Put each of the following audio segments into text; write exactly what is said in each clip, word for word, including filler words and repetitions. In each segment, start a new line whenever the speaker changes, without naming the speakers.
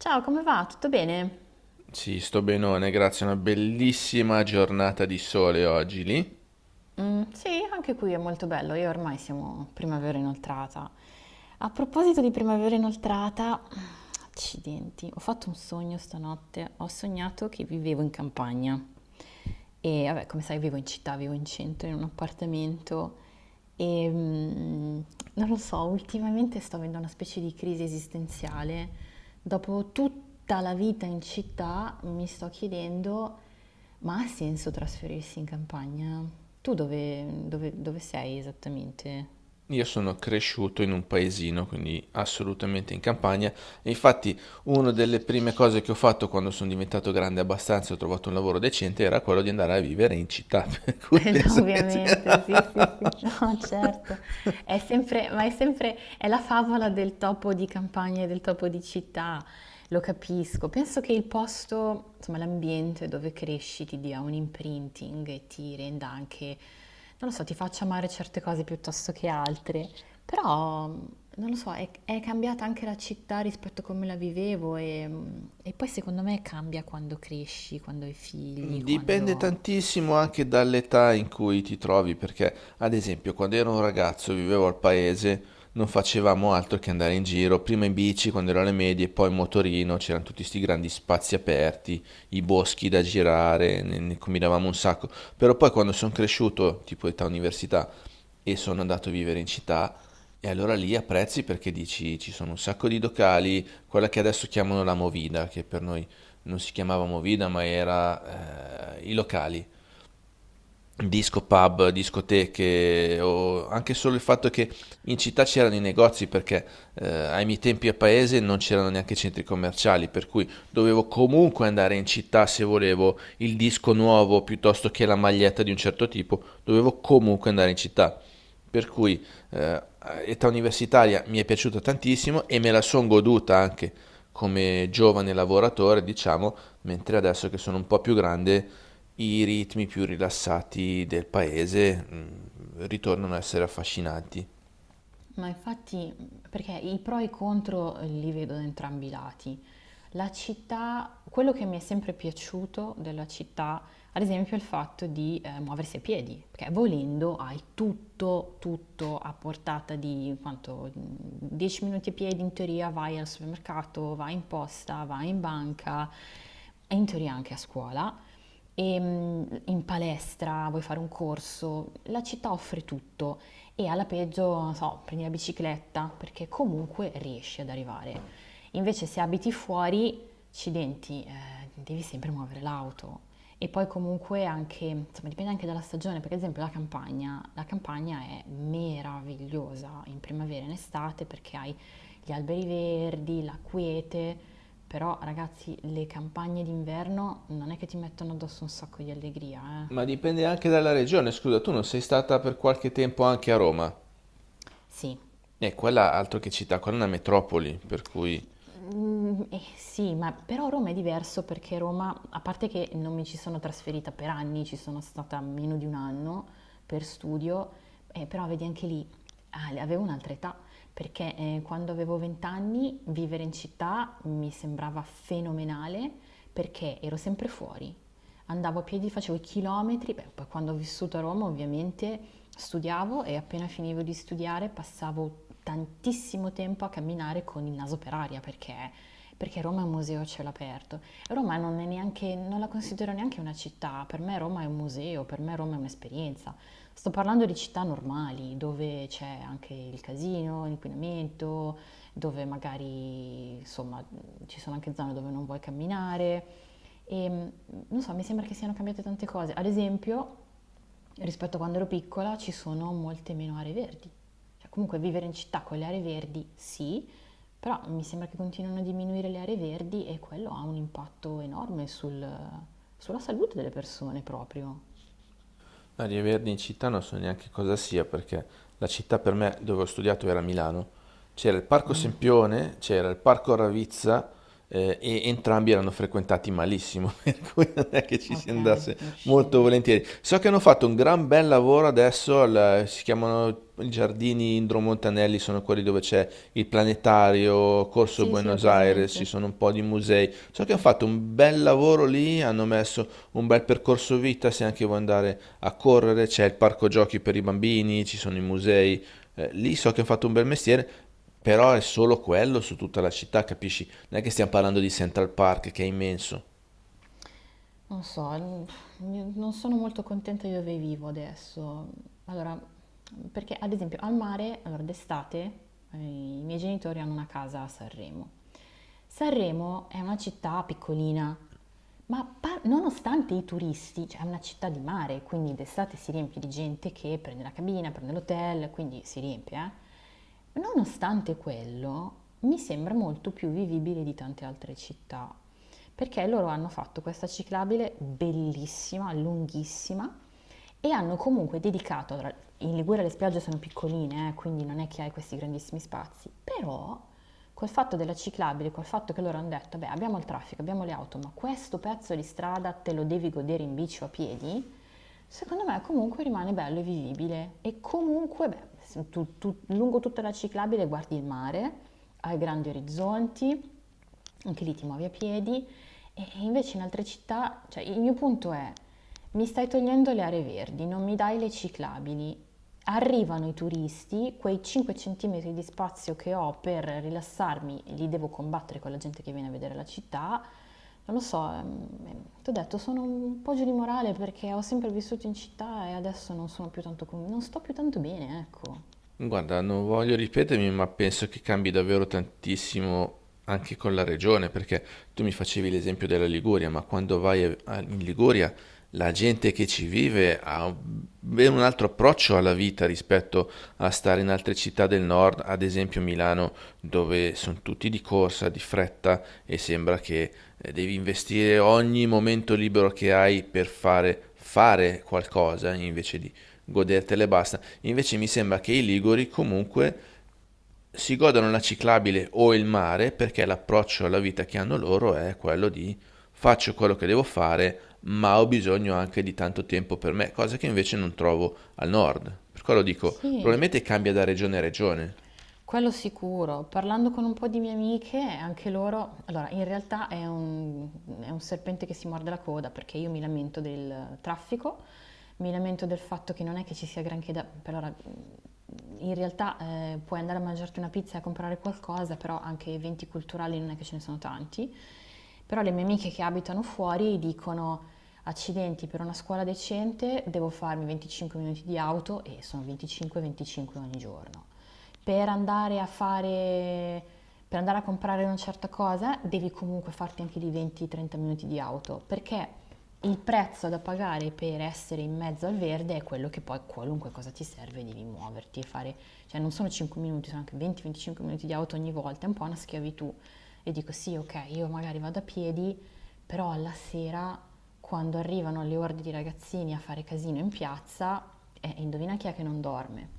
Ciao, come va? Tutto bene?
Sì, sto benone, grazie a una bellissima giornata di sole oggi lì.
Mm, sì, anche qui è molto bello. Io ormai siamo primavera inoltrata. A proposito di primavera inoltrata, accidenti, ho fatto un sogno stanotte. Ho sognato che vivevo in campagna. E vabbè, come sai, vivo in città, vivo in centro, in un appartamento. E mm, non lo so, ultimamente sto avendo una specie di crisi esistenziale. Dopo tutta la vita in città, mi sto chiedendo. Ma ha senso trasferirsi in campagna? Tu dove, dove- dove sei esattamente?
Io sono cresciuto in un paesino, quindi assolutamente in campagna. E infatti, una delle prime cose che ho fatto quando sono diventato grande abbastanza e ho trovato un lavoro decente era quello di andare a vivere in città. Per cui
Eh già,
penso che
ovviamente,
sia.
sì, sì, sì, no, certo. È sempre, ma è sempre, è la favola del topo di campagna e del topo di città, lo capisco. Penso che il posto, insomma, l'ambiente dove cresci ti dia un imprinting e ti renda anche, non lo so, ti faccia amare certe cose piuttosto che altre. Però, non lo so, è, è cambiata anche la città rispetto a come la vivevo e, e poi secondo me cambia quando cresci, quando hai figli,
Dipende
quando...
tantissimo anche dall'età in cui ti trovi, perché ad esempio quando ero un ragazzo e vivevo al paese non facevamo altro che andare in giro, prima in bici quando ero alle medie, poi in motorino, c'erano tutti questi grandi spazi aperti, i boschi da girare, ne, ne combinavamo un sacco, però poi quando sono cresciuto, tipo età università, e sono andato a vivere in città e allora lì apprezzi perché dici ci sono un sacco di locali, quella che adesso chiamano la movida, che per noi non si chiamava movida ma era eh, i locali. Disco pub, discoteche, o anche solo il fatto che in città c'erano i negozi perché eh, ai miei tempi a paese non c'erano neanche centri commerciali, per cui dovevo comunque andare in città se volevo il disco nuovo piuttosto che la maglietta di un certo tipo, dovevo comunque andare in città. Per cui eh, età universitaria mi è piaciuta tantissimo e me la sono goduta anche come giovane lavoratore, diciamo, mentre adesso che sono un po' più grande i ritmi più rilassati del paese mm, ritornano a essere affascinanti.
Ma infatti, perché i pro e i contro li vedo da entrambi i lati. La città, quello che mi è sempre piaciuto della città, ad esempio, è il fatto di eh, muoversi a piedi, perché volendo hai tutto, tutto a portata di quanto dieci minuti a piedi in teoria, vai al supermercato, vai in posta, vai in banca, e in teoria anche a scuola, e mm, in palestra, vuoi fare un corso, la città offre tutto e alla peggio, non so, prendi la bicicletta perché comunque riesci ad arrivare. Invece se abiti fuori, accidenti, eh, devi sempre muovere l'auto. E poi comunque anche, insomma, dipende anche dalla stagione, perché ad esempio la campagna, la campagna è meravigliosa in primavera e in estate perché hai gli alberi verdi, la quiete, però ragazzi, le campagne d'inverno non è che ti mettono addosso un sacco di allegria, eh.
Ma dipende anche dalla regione, scusa, tu non sei stata per qualche tempo anche a Roma?
Sì,
E eh, quella altro che città, quella è una metropoli, per cui.
Mm, eh, sì, ma però Roma è diverso perché Roma, a parte che non mi ci sono trasferita per anni, ci sono stata meno di un anno per studio, eh, però vedi anche lì, ah, avevo un'altra età, perché eh, quando avevo venti anni vivere in città mi sembrava fenomenale perché ero sempre fuori, andavo a piedi, facevo i chilometri, beh, poi quando ho vissuto a Roma ovviamente studiavo e appena finivo di studiare passavo tantissimo tempo a camminare con il naso per aria perché, perché Roma è un museo a cielo aperto. Roma non è neanche, non la considero neanche una città, per me Roma è un museo, per me Roma è un'esperienza. Sto parlando di città normali dove c'è anche il casino, l'inquinamento, dove magari insomma ci sono anche zone dove non vuoi camminare e non so, mi sembra che siano cambiate tante cose. Ad esempio, rispetto a quando ero piccola ci sono molte meno aree verdi. Cioè, comunque vivere in città con le aree verdi sì, però mi sembra che continuino a diminuire le aree verdi e quello ha un impatto enorme sul- sulla salute delle persone proprio.
No, di Verdi in città non so neanche cosa sia, perché la città per me dove ho studiato era Milano. C'era il Parco Sempione, c'era il Parco Ravizza, eh, e entrambi erano frequentati malissimo, per cui non è che ci si
Ok,
andasse
non
molto
riuscivi.
volentieri. So che hanno fatto un gran bel lavoro adesso, al- si chiamano i Giardini Indro Montanelli, sono quelli dove c'è il planetario, Corso
Sì, sì, ho
Buenos Aires, ci
presente.
sono un po' di musei. So che hanno fatto un bel lavoro lì, hanno messo un bel percorso vita, se anche vuoi andare a correre, c'è il parco giochi per i bambini, ci sono i musei. Eh, lì so che hanno fatto un bel mestiere, però è solo quello su tutta la città, capisci? Non è che stiamo parlando di Central Park che è immenso.
Non so, n- non sono molto contenta di dove vivo adesso. Allora, perché ad esempio al mare, allora d'estate, eh, i miei genitori hanno una casa a Sanremo. Sanremo è una città piccolina, ma par- nonostante i turisti, cioè è una città di mare, quindi d'estate si riempie di gente che prende la cabina, prende l'hotel, quindi si riempie, eh. Nonostante quello, mi sembra molto più vivibile di tante altre città, perché loro hanno fatto questa ciclabile bellissima, lunghissima, e hanno comunque dedicato, allora, in Liguria le spiagge sono piccoline, eh, quindi non è che hai questi grandissimi spazi, però col fatto della ciclabile, col fatto che loro hanno detto, beh abbiamo il traffico, abbiamo le auto, ma questo pezzo di strada te lo devi godere in bici o a piedi, secondo me comunque rimane bello e vivibile e comunque, beh, se tu- tu- lungo tutta la ciclabile guardi il mare, hai grandi orizzonti, anche lì ti muovi a piedi e e invece in altre città, cioè il mio punto è, mi stai togliendo le aree verdi, non mi dai le ciclabili, arrivano i turisti, quei cinque centimetri di spazio che ho per rilassarmi, li devo combattere con la gente che viene a vedere la città, non lo so, ehm, ehm, ti ho detto, sono un po' giù di morale perché ho sempre vissuto in città e adesso non sono più tanto, con- non sto più tanto bene, ecco.
Guarda, non voglio ripetermi, ma penso che cambi davvero tantissimo anche con la regione, perché tu mi facevi l'esempio della Liguria, ma quando vai a- a- in Liguria la gente che ci vive ha un- ben un altro approccio alla vita rispetto a stare in altre città del nord, ad esempio Milano, dove sono tutti di corsa, di fretta e sembra che eh, devi investire ogni momento libero che hai per fare, fare qualcosa invece di godertele e basta. Invece mi sembra che i liguri comunque si godano la ciclabile o il mare perché l'approccio alla vita che hanno loro è quello di faccio quello che devo fare, ma ho bisogno anche di tanto tempo per me, cosa che invece non trovo al nord. Per quello dico,
Sì,
probabilmente cambia da regione a regione.
quello sicuro. Parlando con un po' di mie amiche, anche loro, allora in realtà è un, è un serpente che si morde la coda perché io mi lamento del traffico, mi lamento del fatto che non è che ci sia granché da... per ora, in realtà eh, puoi andare a mangiarti una pizza e a comprare qualcosa, però anche eventi culturali non è che ce ne sono tanti. Però le mie amiche che abitano fuori dicono... Accidenti, per una scuola decente devo farmi venticinque minuti di auto e sono venticinque venticinque ogni giorno per andare a fare, per andare a comprare una certa cosa, devi comunque farti anche di venti trenta minuti di auto, perché il prezzo da pagare per essere in mezzo al verde è quello che poi qualunque cosa ti serve devi muoverti e fare, cioè non sono cinque minuti, sono anche venti o venticinque minuti di auto ogni volta, è un po' una schiavitù. E dico sì, ok, io magari vado a piedi, però alla sera, quando arrivano le orde di ragazzini a fare casino in piazza, eh, indovina chi è che non dorme?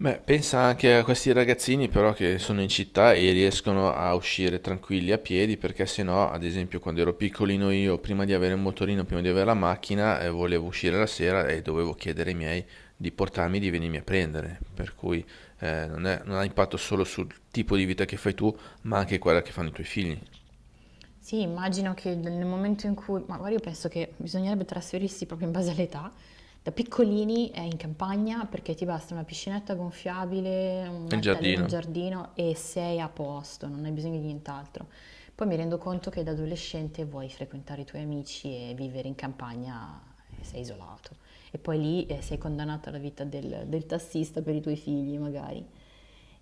Beh, pensa anche a questi ragazzini però che sono in città e riescono a uscire tranquilli a piedi perché se no, ad esempio, quando ero piccolino io, prima di avere il motorino, prima di avere la macchina, eh, volevo uscire la sera e dovevo chiedere ai miei di portarmi, di venirmi a prendere. Per cui eh, non è- non ha impatto solo sul tipo di vita che fai tu, ma anche quella che fanno i tuoi figli.
Sì, immagino che nel momento in cui, ma guarda, io penso che bisognerebbe trasferirsi proprio in base all'età. Da piccolini è in campagna perché ti basta una piscinetta gonfiabile,
E il
un'altalena in
giardino.
giardino e sei a posto, non hai bisogno di nient'altro. Poi mi rendo conto che da adolescente vuoi frequentare i tuoi amici e vivere in campagna eh, sei isolato. E poi lì eh, sei condannato alla vita del, del tassista per i tuoi figli, magari.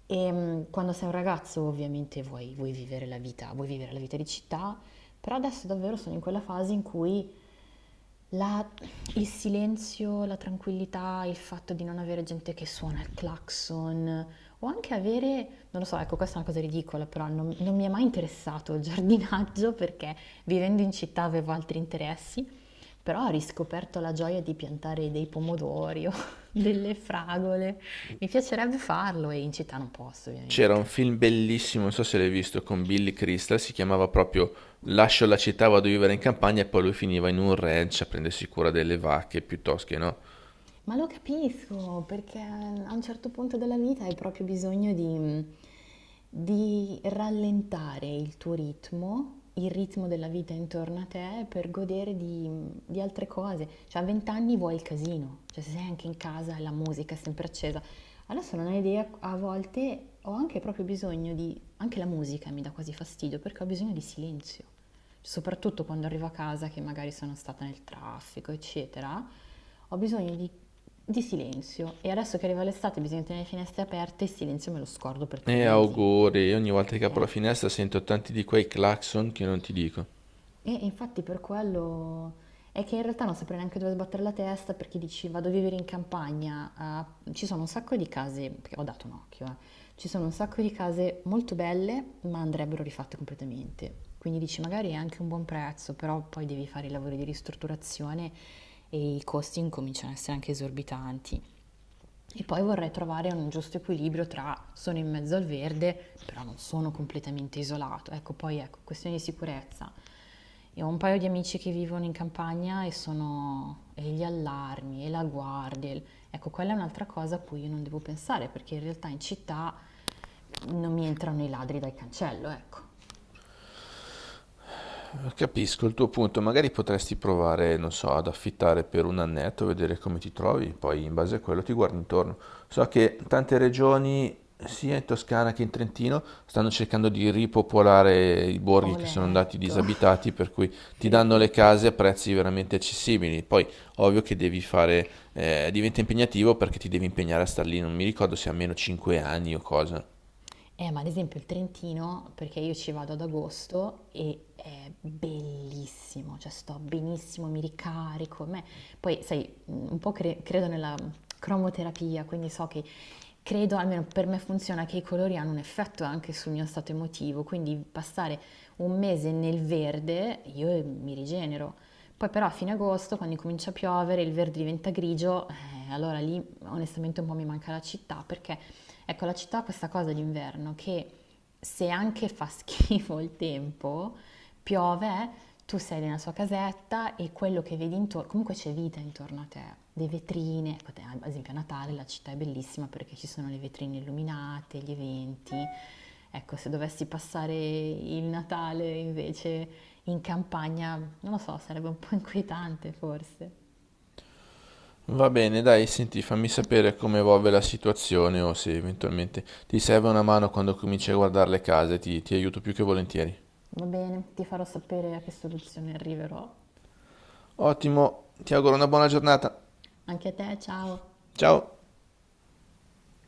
E mh, quando sei un ragazzo ovviamente vuoi, vuoi vivere la vita, vuoi vivere la vita di città, però adesso davvero sono in quella fase in cui la- il silenzio, la tranquillità, il fatto di non avere gente che suona il clacson o anche avere, non lo so, ecco questa è una cosa ridicola, però non, non mi è mai interessato il giardinaggio perché vivendo in città avevo altri interessi però ho riscoperto la gioia di piantare dei pomodori o delle fragole. Mi piacerebbe farlo e in città non posso,
C'era
ovviamente.
un film bellissimo, non so se l'hai visto, con Billy Crystal, si chiamava proprio Lascio la città, vado a vivere in campagna e poi lui finiva in un ranch a prendersi cura delle vacche piuttosto che no.
Ma lo capisco, perché a un certo punto della vita hai proprio bisogno di, di rallentare il tuo ritmo, il ritmo della vita intorno a te, per godere di, di altre cose. Cioè a venti anni vuoi il casino, cioè se sei anche in casa e la musica è sempre accesa. Adesso non hai idea, a volte ho anche proprio bisogno di... anche la musica mi dà quasi fastidio, perché ho bisogno di silenzio soprattutto quando arrivo a casa che magari sono stata nel traffico, eccetera, ho bisogno di, di silenzio e adesso che arriva l'estate bisogna tenere le finestre aperte, il silenzio me lo scordo per tre
E
mesi.
auguri, ogni volta che apro
Eh.
la finestra sento tanti di quei clacson che non ti dico.
E e infatti per quello è che in realtà non saprei neanche dove sbattere la testa perché dici vado a vivere in campagna, ah, ci sono un sacco di case, perché ho dato un occhio, eh, ci sono un sacco di case molto belle ma andrebbero rifatte completamente. Quindi dici magari è anche un buon prezzo, però poi devi fare i lavori di ristrutturazione e i costi incominciano a essere anche esorbitanti. E poi vorrei trovare un giusto equilibrio tra sono in mezzo al verde, però non sono completamente isolato. Ecco, poi ecco, questione di sicurezza. Io ho un paio di amici che vivono in campagna e sono e gli allarmi e la guardia. il- Ecco, quella è un'altra cosa a cui io non devo pensare, perché in realtà in città non mi entrano i ladri dal cancello, ecco.
Capisco il tuo punto, magari potresti provare, non so, ad affittare per un annetto, vedere come ti trovi, poi in base a quello ti guardi intorno. So che tante regioni, sia in Toscana che in Trentino, stanno cercando di ripopolare i borghi
Ho
che sono andati
letto.
disabitati, per cui ti
Sì,
danno le
sì, sì.
case a prezzi veramente accessibili. Poi, ovvio che devi fare, eh, diventa impegnativo perché ti devi impegnare a star lì, non mi ricordo se a meno cinque anni o cosa.
Eh, ma ad esempio il Trentino, perché io ci vado ad agosto e è bellissimo, cioè sto benissimo, mi ricarico. a me- Poi, sai, un po' cre- credo nella cromoterapia, quindi so che credo, almeno per me funziona, che i colori hanno un effetto anche sul mio stato emotivo, quindi passare un mese nel verde io mi rigenero. Poi però a fine agosto, quando comincia a piovere, il verde diventa grigio, eh, allora lì onestamente un po' mi manca la città, perché ecco la città ha questa cosa d'inverno che se anche fa schifo il tempo, piove, tu sei nella sua casetta e quello che vedi intorno, comunque c'è vita intorno a te, le vetrine, ecco, te- ad esempio a Natale la città è bellissima perché ci sono le vetrine illuminate, gli eventi. Ecco, se dovessi passare il Natale invece in campagna, non lo so, sarebbe un po' inquietante forse.
Va bene, dai, senti, fammi sapere come evolve la situazione o se eventualmente ti serve una mano quando cominci a guardare le case, ti, ti aiuto più che volentieri.
Va bene, ti farò sapere a che soluzione arriverò.
Ottimo, ti auguro una buona giornata.
Anche a te, ciao!
Ciao!